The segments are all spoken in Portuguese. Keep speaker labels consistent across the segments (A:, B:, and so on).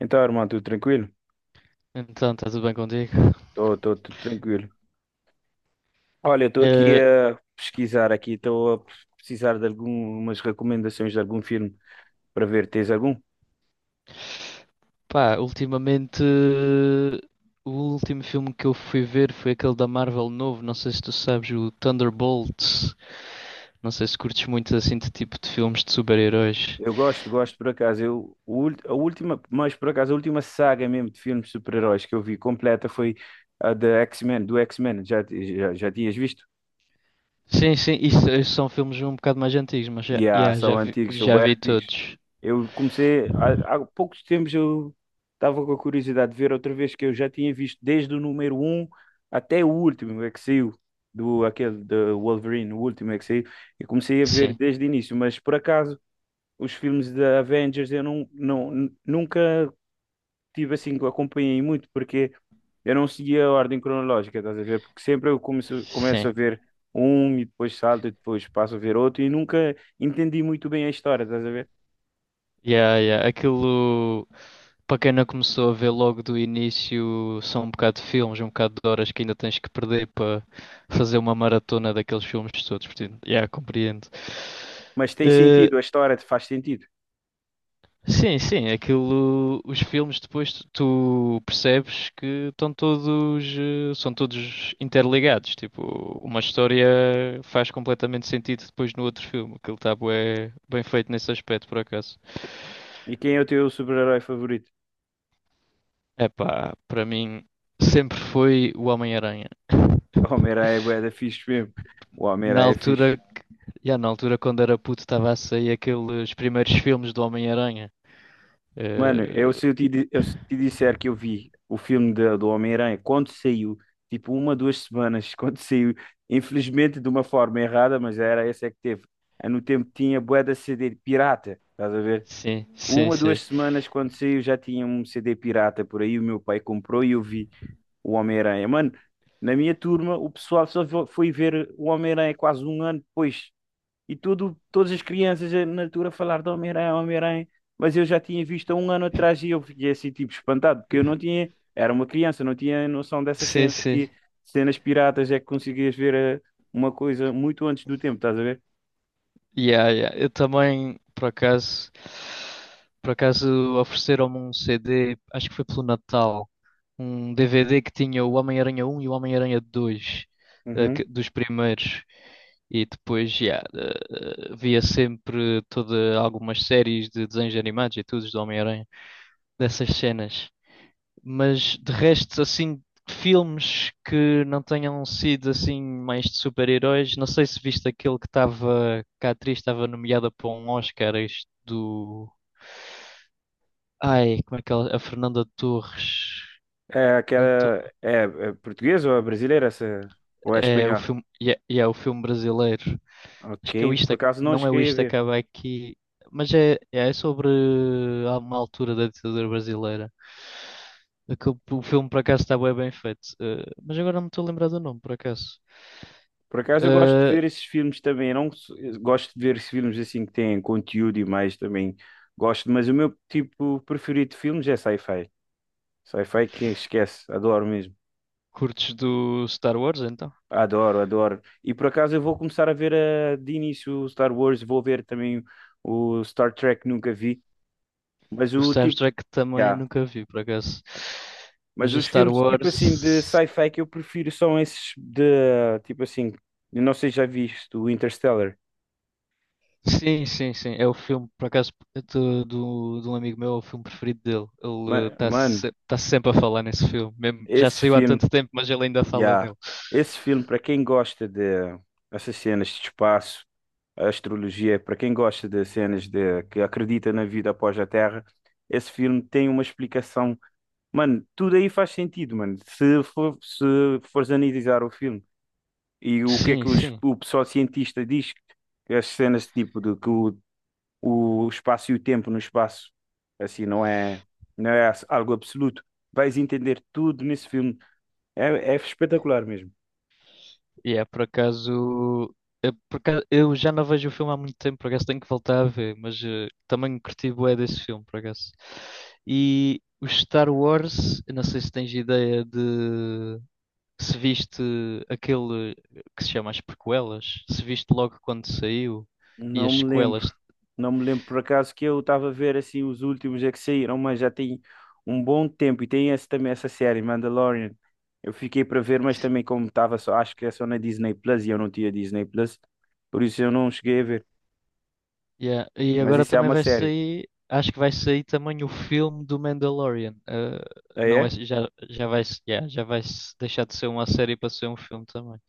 A: Então, irmão, tudo tranquilo?
B: Então, está tudo bem contigo?
A: Tô, tudo tranquilo. Olha, estou aqui
B: Eh,
A: a pesquisar aqui, estou a precisar de algumas recomendações de algum filme para ver. Tens algum?
B: pá, ultimamente, o último filme que eu fui ver foi aquele da Marvel novo. Não sei se tu sabes, o Thunderbolts. Não sei se curtes muito assim de tipo de filmes de super-heróis.
A: Eu gosto, gosto por acaso. Eu, a última, mas por acaso, a última saga mesmo de filmes de super-heróis que eu vi completa foi a da X-Men, do X-Men. Já tinhas visto?
B: Sim, sim, isso são filmes um bocado mais antigos, mas já,
A: Yeah,
B: yeah, já
A: são
B: vi,
A: antigos, são
B: já
A: bem
B: vi
A: antigos.
B: todos.
A: Eu comecei, há poucos tempos eu estava com a curiosidade de ver outra vez que eu já tinha visto desde o número um até o último é que saiu, aquele do Wolverine, o último é que saiu. Eu comecei a ver
B: Sim,
A: desde o início, mas por acaso os filmes da Avengers eu nunca tive assim, que acompanhei muito, porque eu não seguia a ordem cronológica, estás a ver? Porque sempre eu começo
B: sim.
A: a ver um e depois salto e depois passo a ver outro e nunca entendi muito bem a história, estás a ver?
B: Yeah, yeah. Aquilo, para quem não começou a ver logo do início, são um bocado de filmes, um bocado de horas que ainda tens que perder fazer uma maratona daqueles filmes todos, portanto, yeah, compreendo.
A: Mas tem
B: Eh,
A: sentido, a história faz sentido.
B: sim, sim, aquilo, os filmes depois tu percebes que estão todos, são todos interligados, tipo, uma história faz completamente sentido depois no outro filme, aquilo está bué, bem feito nesse aspecto, por acaso.
A: E quem é o teu super-herói favorito?
B: Epá, para mim sempre foi o Homem-Aranha.
A: O Homem-Aranha é bué da fixe mesmo. O
B: Na
A: Homem-Aranha é fixe.
B: altura, já na altura quando era puto estava a sair aqueles primeiros filmes do Homem-Aranha.
A: Mano,
B: Eh,
A: eu se te disser que eu vi o filme do Homem-Aranha quando saiu, tipo uma, duas semanas, quando saiu, infelizmente de uma forma errada, mas era essa é que teve. Ah, no tempo tinha bué da CD de pirata, estás a ver?
B: Sim, sim,
A: Uma,
B: sim.
A: duas semanas quando saiu já tinha um CD pirata por aí, o meu pai comprou e eu vi o Homem-Aranha. Mano, na minha turma o pessoal foi ver o Homem-Aranha quase um ano depois e tudo, todas as crianças na altura a falar de Homem-Aranha, Homem-Aranha, mas eu já tinha visto há um ano atrás e eu fiquei assim, tipo, espantado, porque eu não tinha, era uma criança, não tinha noção dessa
B: Sim,
A: cena,
B: sim.
A: que cenas piratas é que conseguias ver uma coisa muito antes do tempo, estás a ver?
B: Yeah, yeah. Eu também, por acaso ofereceram-me um CD, acho que foi pelo Natal, um DVD que tinha o Homem-Aranha um e o Homem-Aranha 2
A: Uhum.
B: dos primeiros. E depois, yeah, via sempre toda, algumas séries de desenhos animados e tudo do Homem-Aranha, dessas cenas. Mas de resto, assim, filmes que não tenham sido assim mais de super-heróis, não sei se viste aquele que estava, que a atriz estava nomeada para um Oscar, este do. Ai, como é que ela. A Fernanda Torres.
A: É
B: Não.
A: aquela, é, é portuguesa ou é brasileira essa, ou é
B: É o
A: espanhola?
B: filme, e é o filme brasileiro. Acho que é o
A: Ok,
B: Isto,
A: por acaso não
B: Não é o
A: cheguei a
B: Isto
A: ver.
B: Acaba Aqui, mas é, é sobre há uma altura da ditadura brasileira. Que o filme por acaso está bué bem feito. Mas agora não me estou a lembrar do nome, por acaso.
A: Por acaso eu gosto de
B: Eh,
A: ver esses filmes também. Eu não sou- eu gosto de ver esses filmes assim que têm conteúdo e mais também gosto, mas o meu tipo preferido de filmes é sci-fi. Sci-fi que esquece, adoro mesmo.
B: curtes do Star Wars então?
A: Adoro, adoro. E por acaso eu vou começar a ver de início o Star Wars, vou ver também o Star Trek, nunca vi, mas
B: O
A: o
B: Star
A: tipo,
B: Trek também
A: yeah.
B: nunca vi, por acaso. Mas
A: Mas
B: o
A: os
B: Star
A: filmes tipo assim de
B: Wars.
A: sci-fi que eu prefiro são esses de tipo assim, eu não sei se já viste o Interstellar.
B: Sim, sim, sim. É o filme, por acaso, de um amigo meu, é o filme preferido dele. Ele está
A: Mano,
B: se, tá sempre a falar nesse filme. Mesmo- já
A: esse
B: saiu há
A: filme.
B: tanto tempo, mas ele ainda fala
A: Yeah.
B: dele.
A: Esse filme, para quem gosta de essas cenas de espaço, a astrologia, para quem gosta de cenas de que acredita na vida após a Terra, esse filme tem uma explicação. Mano, tudo aí faz sentido, mano. Se fores analisar o filme e o que é
B: Sim,
A: que
B: sim.
A: o pessoal cientista diz, que as cenas tipo de o espaço e o tempo no espaço, assim, não é algo absoluto. Vais entender tudo nesse filme. É, é espetacular mesmo.
B: E é por acaso. É por acaso- Eu já não vejo o filme há muito tempo, por acaso tenho que voltar a ver, mas também curti bué desse filme, por acaso. E o Star Wars, eu não sei se tens ideia de. Se viste aquele que se chama as prequelas, se viste logo quando saiu e
A: Não
B: as
A: me lembro.
B: sequelas.
A: Não me lembro por acaso que eu estava a ver assim os últimos é que saíram, mas já tem um bom tempo e tem esse, também essa série Mandalorian. Eu fiquei para ver, mas também como estava só, acho que é só na Disney Plus e eu não tinha Disney Plus, por isso eu não cheguei a ver.
B: Yeah. E
A: Mas
B: agora
A: isso é
B: também
A: uma
B: vai
A: série.
B: sair, acho que vai sair também o filme do Mandalorian.
A: Ah,
B: Não é,
A: é?
B: já vai, yeah, já vai se deixar de ser uma série para ser um filme também.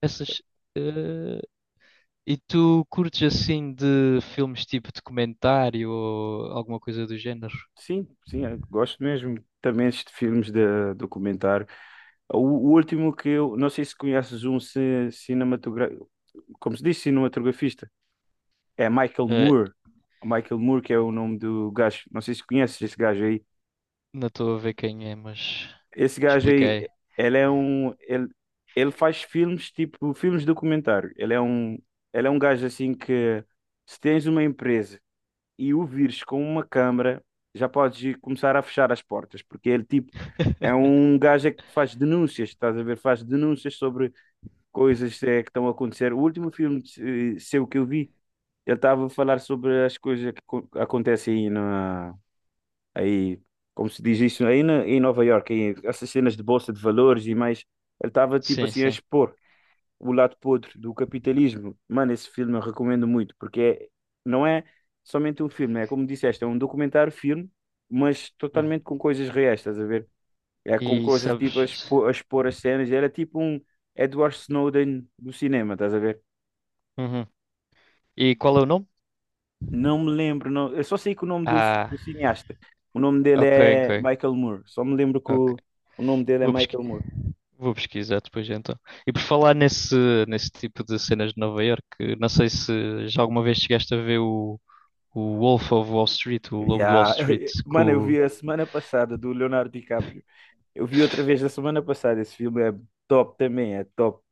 B: Essas, eh, e tu curtes assim de filmes tipo documentário ou alguma coisa do género?
A: Sim, sim, eu gosto mesmo também de filmes de documentário. O último que eu, não sei se conheces um cinematogra... como se diz, cinematografista. É Michael Moore. O Michael Moore, que é o nome do gajo. Não sei se conheces esse gajo aí.
B: Não estou a ver quem é, mas
A: Esse gajo aí,
B: expliquei.
A: ele é um. Ele faz filmes, tipo, filmes documentário. Ele é um. Ele é um gajo assim que. Se tens uma empresa e o vires com uma câmara, já podes ir começar a fechar as portas, porque ele, tipo. É um gajo é que faz denúncias, estás a ver? Faz denúncias sobre coisas que estão a acontecer. O último filme seu que eu vi. Ele estava a falar sobre as coisas que acontecem aí, aí, como se diz isso, em Nova Iorque, aí, essas cenas de bolsa de valores e mais. Ele estava tipo
B: Sim,
A: assim a
B: sim.
A: expor o lado podre do capitalismo. Mano, esse filme eu recomendo muito, não é somente um filme, é como disseste, é um documentário-filme, mas
B: Hum.
A: totalmente com coisas reais, estás a ver? É com
B: E
A: coisas tipo
B: sabes?
A: a expor, as cenas. Era tipo um Edward Snowden do cinema, estás a ver?
B: Uhum. E qual é o nome?
A: Não me lembro, não. Eu só sei que o nome do, do
B: Ah,
A: cineasta, o nome dele
B: ok,
A: é
B: ok,
A: Michael Moore. Só me lembro que
B: ok.
A: o nome dele é
B: Vou pesqui-
A: Michael Moore.
B: vou pesquisar depois então. E por falar nesse tipo de cenas de Nova Iorque, não sei se já alguma vez chegaste a ver o Wolf of Wall Street, o Lobo de Wall
A: Yeah.
B: Street,
A: Mano, eu vi a semana passada do Leonardo DiCaprio. Eu vi outra vez a semana passada. Esse filme é top também, é top.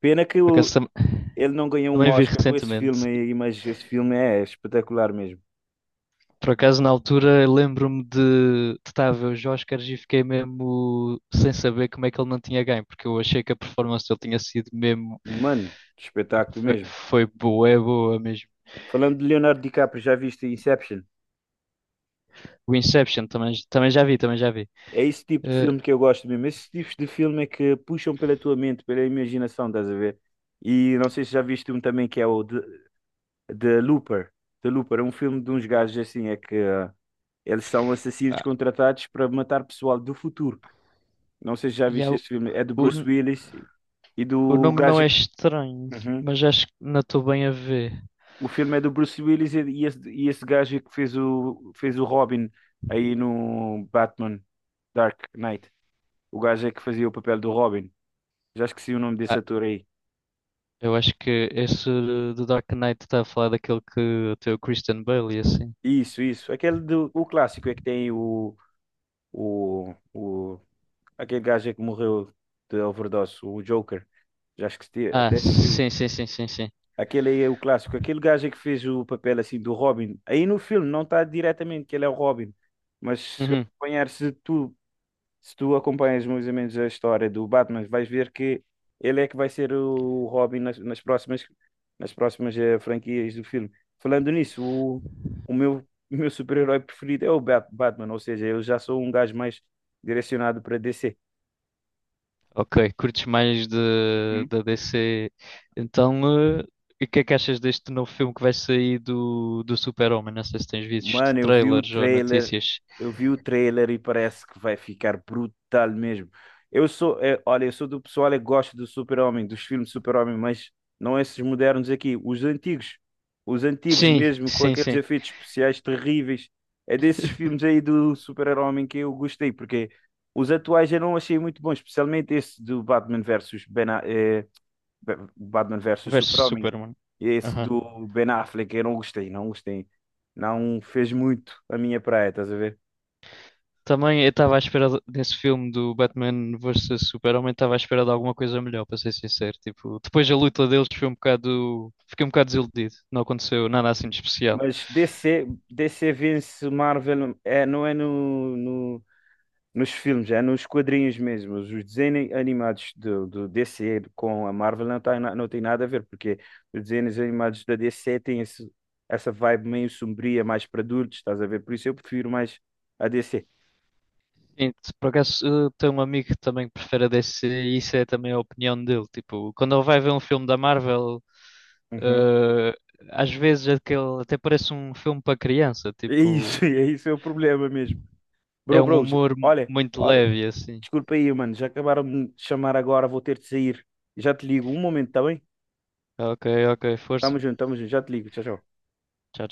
A: Pena que
B: por
A: ele não ganhou um
B: também vi
A: Oscar com esse filme
B: recentemente.
A: aí, mas esse filme é espetacular mesmo.
B: Por acaso, na altura, eu lembro-me de estar a ver os Oscars e fiquei mesmo sem saber como é que ele não tinha ganho, porque eu achei que a performance dele tinha sido mesmo.
A: Mano, espetáculo
B: Foi,
A: mesmo.
B: foi boa, é boa mesmo.
A: Falando de Leonardo DiCaprio, já viste Inception?
B: O Inception também, também já vi.
A: É esse tipo de
B: Eh,
A: filme que eu gosto mesmo. Esses tipos de filme é que puxam pela tua mente, pela imaginação, estás a ver? E não sei se já viste um também que é The Looper. The Looper é um filme de uns gajos assim, é que eles são assassinos
B: pá,
A: contratados para matar pessoal do futuro. Não sei se já
B: e há
A: viste esse filme. É do
B: o,
A: Bruce Willis e
B: o
A: do
B: nome não
A: gajo.
B: é
A: Que...
B: estranho,
A: Uhum.
B: mas acho que não estou bem a ver.
A: O filme é do Bruce Willis e esse gajo que fez fez o Robin aí no Batman Dark Knight. O gajo é que fazia o papel do Robin. Já esqueci o nome
B: Ah,
A: desse ator aí.
B: eu acho que esse do Dark Knight está a falar daquele que tem o Christian Bale e assim.
A: Isso, isso. Aquele do o clássico é que tem o aquele gajo é que morreu de overdose, o Joker. Já esqueci,
B: Ah,
A: até esqueci.
B: sim, sim, sim, sim, sim.
A: Aquele aí é o clássico. Aquele gajo é que fez o papel assim do Robin. Aí no filme não está diretamente que ele é o Robin, mas
B: Uhum.
A: se tu acompanhas mais ou menos a história do Batman, vais ver que ele é que vai ser o Robin nas próximas franquias do filme. Falando nisso, o meu, o meu super-herói preferido é o Batman, ou seja, eu já sou um gajo mais direcionado para DC.
B: Ok, curtes mais da DC. Então, e o que é que achas deste novo filme que vai sair do Super-Homem? Não sei se tens visto
A: Mano, eu vi o
B: trailers ou
A: trailer,
B: notícias.
A: eu vi o trailer e parece que vai ficar brutal mesmo. Eu sou, olha, eu sou do pessoal que gosta do Super-Homem, dos filmes de Super-Homem, mas não esses modernos aqui, os antigos. Os antigos
B: Sim,
A: mesmo, com
B: sim,
A: aqueles
B: sim.
A: efeitos especiais terríveis. É desses filmes aí do Super-Homem que eu gostei, porque os atuais eu não achei muito bons, especialmente esse do Batman versus Ben, Batman versus
B: Versus
A: Super-Homem.
B: Superman.
A: Esse do Ben Affleck, eu não gostei, não gostei. Não fez muito a minha praia, estás a ver?
B: Também eu estava à nesse filme do Batman vs Super-Homem, estava à espera de alguma coisa melhor, para ser sincero. Tipo, depois a luta deles foi um bocado. Fiquei um bocado desiludido. Não aconteceu nada assim de especial.
A: Mas DC, DC vence Marvel, é, não é nos filmes, é nos quadrinhos mesmo. Os desenhos animados do DC com a Marvel não, tá, não tem nada a ver, porque os desenhos animados da DC têm essa vibe meio sombria, mais para adultos, estás a ver? Por isso eu prefiro mais a DC.
B: Sim, se por acaso tenho um amigo que também prefere a DC e isso é também a opinião dele. Tipo, quando ele vai ver um filme da Marvel,
A: Uhum.
B: Eh, às vezes aquele até parece um filme para criança,
A: É
B: tipo,
A: isso, é isso é o problema mesmo.
B: é um humor
A: Olha,
B: muito
A: olha,
B: leve assim.
A: desculpa aí, mano, já acabaram de me chamar agora, vou ter de sair. Já te ligo, um momento, tá bem?
B: Ok, ok, força.
A: Tamo junto, já te ligo, tchau, tchau.
B: Tchau.